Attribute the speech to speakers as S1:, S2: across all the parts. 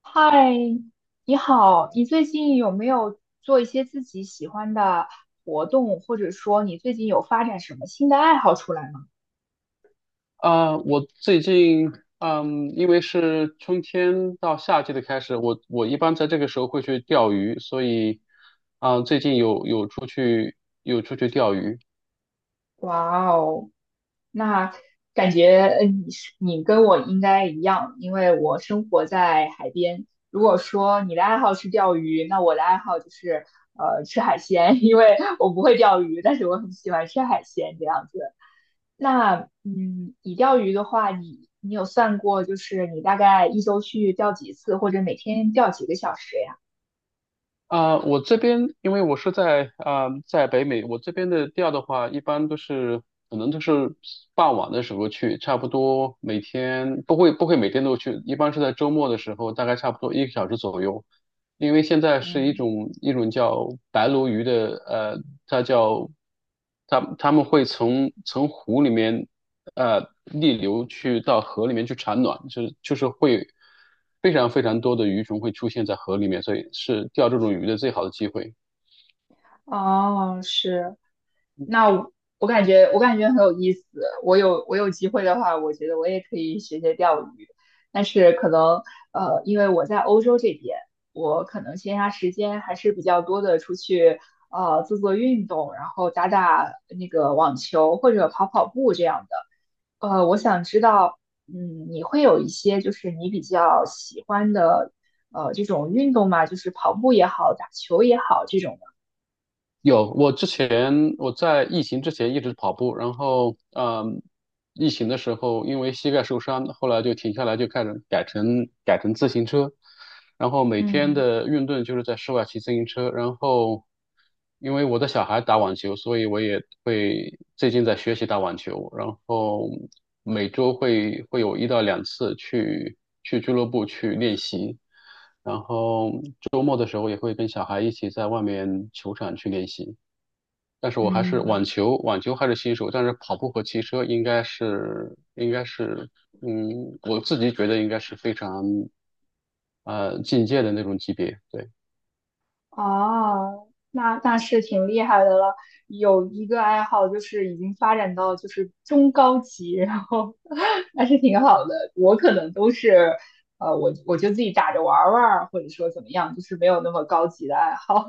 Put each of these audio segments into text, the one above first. S1: 嗨，你好，你最近有没有做一些自己喜欢的活动，或者说你最近有发展什么新的爱好出来吗？
S2: 我最近，因为是春天到夏季的开始，我一般在这个时候会去钓鱼，所以，最近有出去有出去钓鱼。
S1: 哇哦，那感觉你是你跟我应该一样，因为我生活在海边。如果说你的爱好是钓鱼，那我的爱好就是吃海鲜，因为我不会钓鱼，但是我很喜欢吃海鲜这样子。那你钓鱼的话，你有算过，就是你大概一周去钓几次，或者每天钓几个小时呀？
S2: 我这边因为我是在在北美，我这边的钓的话，一般都是可能都是傍晚的时候去，差不多每天不会每天都去，一般是在周末的时候，大概差不多一个小时左右。因为现在是一
S1: 嗯，
S2: 种一种叫白鲈鱼的，它叫它们会从湖里面逆流去到河里面去产卵，就是会非常多的鱼种会出现在河里面，所以是钓这种鱼的最好的机会。
S1: 哦，是，那我我感觉很有意思。我有机会的话，我觉得我也可以学学钓鱼，但是可能因为我在欧洲这边，我可能闲暇时间还是比较多的，出去做做运动，然后打打那个网球或者跑跑步这样的。我想知道，你会有一些就是你比较喜欢的，这种运动嘛，就是跑步也好，打球也好，这种的。
S2: 有，我之前我在疫情之前一直跑步，然后疫情的时候因为膝盖受伤，后来就停下来，就开始改成自行车，然后每天
S1: 嗯。
S2: 的运动就是在室外骑自行车，然后因为我的小孩打网球，所以我也会最近在学习打网球，然后每周会有一到两次去俱乐部去练习。然后周末的时候也会跟小孩一起在外面球场去练习。但是我还是网
S1: 嗯。
S2: 球，网球还是新手，但是跑步和骑车应该是，嗯，我自己觉得应该是非常进阶的那种级别，对。
S1: 哦，那是挺厉害的了。有一个爱好就是已经发展到就是中高级，然后 还是挺好的。我可能都是，我就自己打着玩儿玩儿，或者说怎么样，就是没有那么高级的爱好。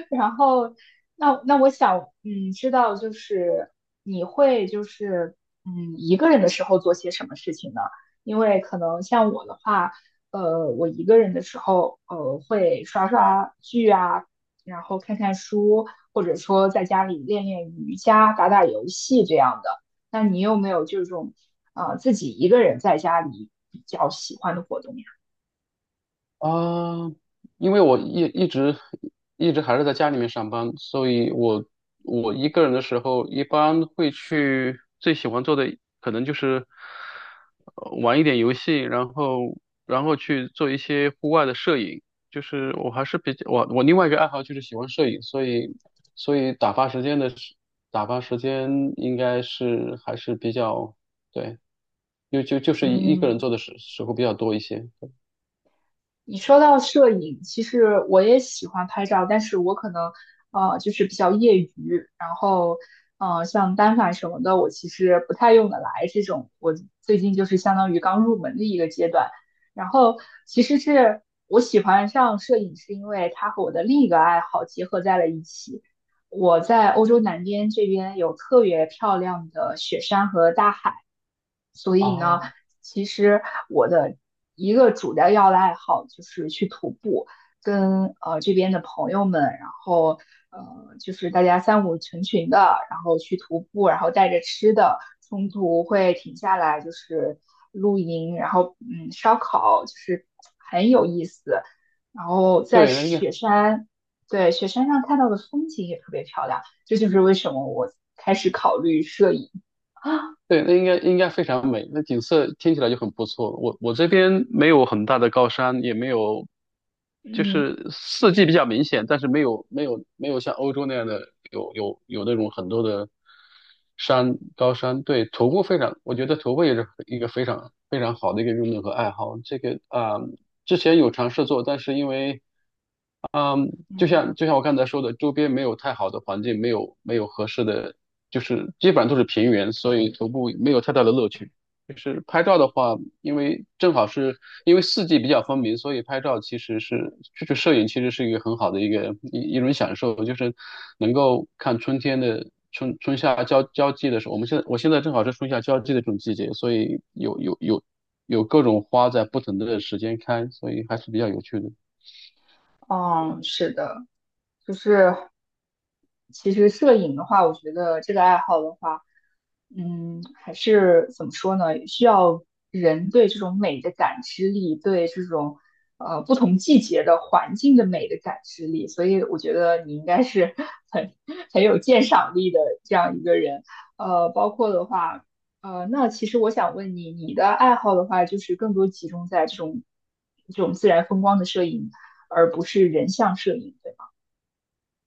S1: 然后，那我想，知道就是你会就是一个人的时候做些什么事情呢？因为可能像我的话。我一个人的时候，会刷刷剧啊，然后看看书，或者说在家里练练瑜伽、打打游戏这样的。那你有没有这种自己一个人在家里比较喜欢的活动呀？
S2: 啊，因为我一直还是在家里面上班，所以我我一个人的时候，一般会去最喜欢做的可能就是玩一点游戏，然后然后去做一些户外的摄影。就是我还是比较我另外一个爱好就是喜欢摄影，所以所以打发时间应该是还是比较对，就是一个人
S1: 嗯。
S2: 做的时候比较多一些。
S1: 你说到摄影，其实我也喜欢拍照，但是我可能就是比较业余，然后像单反什么的，我其实不太用得来。这种我最近就是相当于刚入门的一个阶段。然后其实是我喜欢上摄影，是因为它和我的另一个爱好结合在了一起。我在欧洲南边这边有特别漂亮的雪山和大海。所以呢，
S2: 哦，
S1: 其实我的一个主要要的爱好就是去徒步，跟这边的朋友们，然后就是大家三五成群的，然后去徒步，然后带着吃的，中途会停下来就是露营，然后烧烤，就是很有意思。然后在
S2: 对，那应该。
S1: 雪山，对雪山上看到的风景也特别漂亮，这就是为什么我开始考虑摄影。
S2: 对，那应该非常美，那景色听起来就很不错。我我这边没有很大的高山，也没有，就
S1: 嗯。
S2: 是四季比较明显，但是没有没有像欧洲那样的有那种很多的山高山。对，徒步非常，我觉得徒步也是一个非常非常好的一个运动和爱好。这个之前有尝试做，但是因为嗯，就
S1: 嗯。
S2: 像就像我刚才说的，周边没有太好的环境，没有合适的，就是基本上都是平原，所以徒步没有太大的乐趣。就是拍照的话，因为正好是因为四季比较分明，所以拍照其实是就是摄影其实是一个很好的一个一种享受，就是能够看春天的春夏交际的时候，我现在正好是春夏交际的这种季节，所以有有各种花在不同的时间开，所以还是比较有趣的。
S1: 嗯，是的，就是其实摄影的话，我觉得这个爱好的话，还是怎么说呢？需要人对这种美的感知力，对这种不同季节的环境的美的感知力，所以我觉得你应该是 很很有鉴赏力的这样一个人。包括的话，那其实我想问你，你的爱好的话，就是更多集中在这种自然风光的摄影，而不是人像摄影。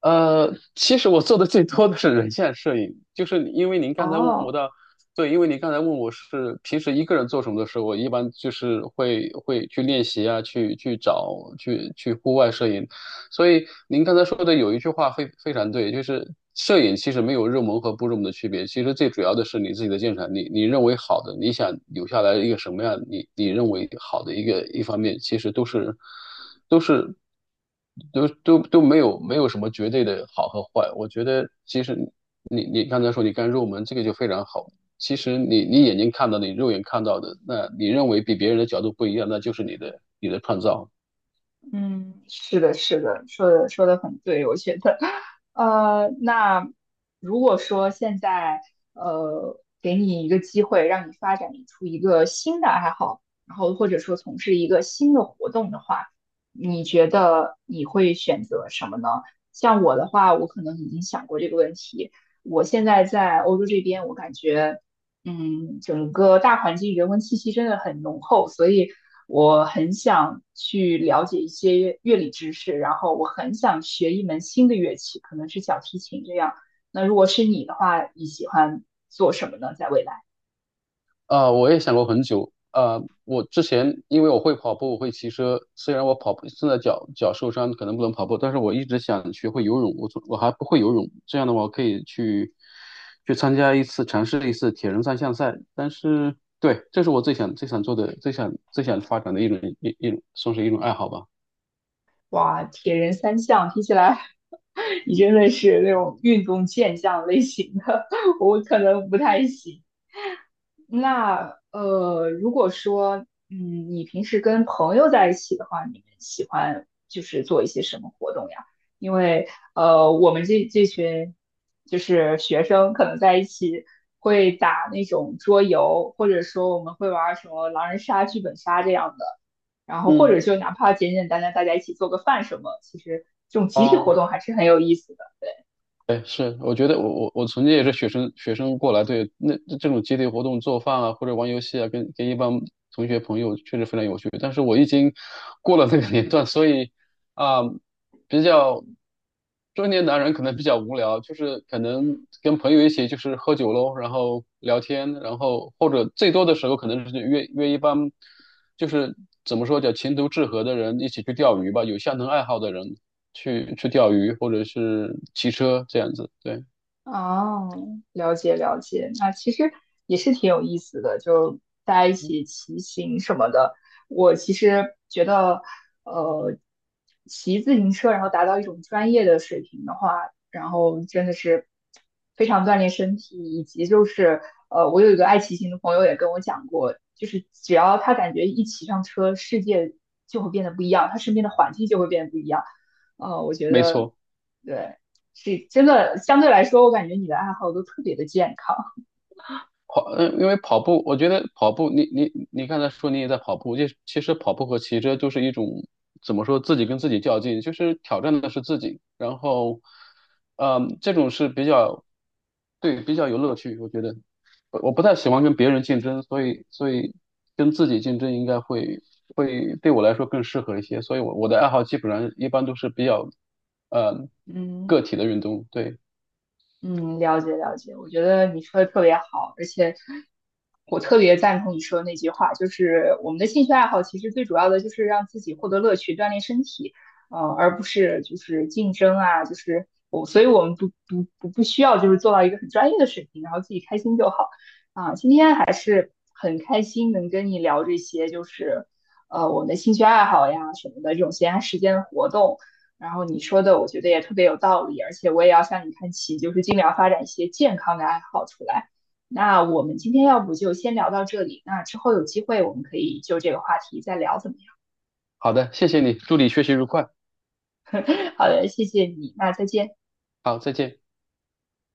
S2: 呃，其实我做的最多的是人像摄影，就是因为您刚才问我
S1: 哦，
S2: 的，对，因为您刚才问我是平时一个人做什么的时候，我一般就是会去练习啊，去去找去去户外摄影，所以您刚才说的有一句话非常对，就是摄影其实没有入门和不入门的区别，其实最主要的是你自己的鉴赏力，你认为好的，你想留下来一个什么样，你你认为好的一个一方面，其实都是都是都都都没有什么绝对的好和坏。我觉得其实你刚才说你刚入门这个就非常好，其实你眼睛看到的，你肉眼看到的，那你认为比别人的角度不一样，那就是你的创造。
S1: 嗯，是的，是的，说的很对，我觉得，那如果说现在给你一个机会，让你发展出一个新的爱好，然后或者说从事一个新的活动的话，你觉得你会选择什么呢？像我的话，我可能已经想过这个问题。我现在在欧洲这边，我感觉。整个大环境人文气息真的很浓厚，所以我很想去了解一些乐理知识，然后我很想学一门新的乐器，可能是小提琴这样。那如果是你的话，你喜欢做什么呢？在未来？
S2: 我也想过很久我之前因为我会跑步，我会骑车，虽然我跑步现在脚受伤，可能不能跑步，但是我一直想学会游泳。我从我还不会游泳，这样的话我可以去参加一次，尝试一次铁人三项赛。但是，对，这是我最想做的，最想发展的一种，算是一种爱好吧。
S1: 哇，铁人三项，听起来 你真的是那种运动健将类型的，我可能不太行。那如果说，你平时跟朋友在一起的话，你们喜欢就是做一些什么活动呀？因为我们这群就是学生，可能在一起会打那种桌游，或者说我们会玩儿什么狼人杀、剧本杀这样的，然后或
S2: 嗯，
S1: 者就哪怕简简单单大家一起做个饭什么，其实这种集体活动还是很有意思的。
S2: 哎，是，我觉得我曾经也是学生过来，对，那这种集体活动做饭啊，或者玩游戏啊，跟一帮同学朋友确实非常有趣。但是我已经过了那个年段，所以啊、比较中年男人可能比较无聊，就是可能跟朋友一起就是喝酒喽，然后聊天，然后或者最多的时候可能是约一帮就是怎么说叫情投志合的人一起去钓鱼吧，有相同爱好的人去钓鱼或者是骑车这样子。对，
S1: 哦，了解了解，那其实也是挺有意思的，就大家一起骑行什么的。我其实觉得，呃，骑自行车然后达到一种专业的水平的话，然后真的是非常锻炼身体，以及就是我有一个爱骑行的朋友也跟我讲过，就是只要他感觉一骑上车，世界就会变得不一样，他身边的环境就会变得不一样。我觉
S2: 没
S1: 得
S2: 错。
S1: 对。是真的，相对来说，我感觉你的爱好都特别的健康。
S2: 跑，嗯，因为跑步，我觉得跑步，你刚才说你也在跑步，就其实跑步和骑车就是一种怎么说，自己跟自己较劲，就是挑战的是自己。然后，嗯，这种是比较，对，比较有乐趣，我觉得。我不太喜欢跟别人竞争，所以跟自己竞争应该会对我来说更适合一些。所以我，我的爱好基本上一般都是比较，呃，
S1: 嗯，
S2: 个体的运动。对，
S1: 嗯，了解了解，我觉得你说的特别好，而且我特别赞同你说的那句话，就是我们的兴趣爱好其实最主要的就是让自己获得乐趣，锻炼身体，而不是就是竞争啊，就是我，所以我们不需要就是做到一个很专业的水平，然后自己开心就好啊。今天还是很开心能跟你聊这些，就是我们的兴趣爱好呀什么的这种闲暇时间的活动。然后你说的，我觉得也特别有道理，而且我也要向你看齐，就是尽量发展一些健康的爱好出来。那我们今天要不就先聊到这里，那之后有机会我们可以就这个话题再聊，怎么样？
S2: 好的，谢谢你，祝你学习愉快，
S1: 好的，谢谢你，那再见。
S2: 好，再见。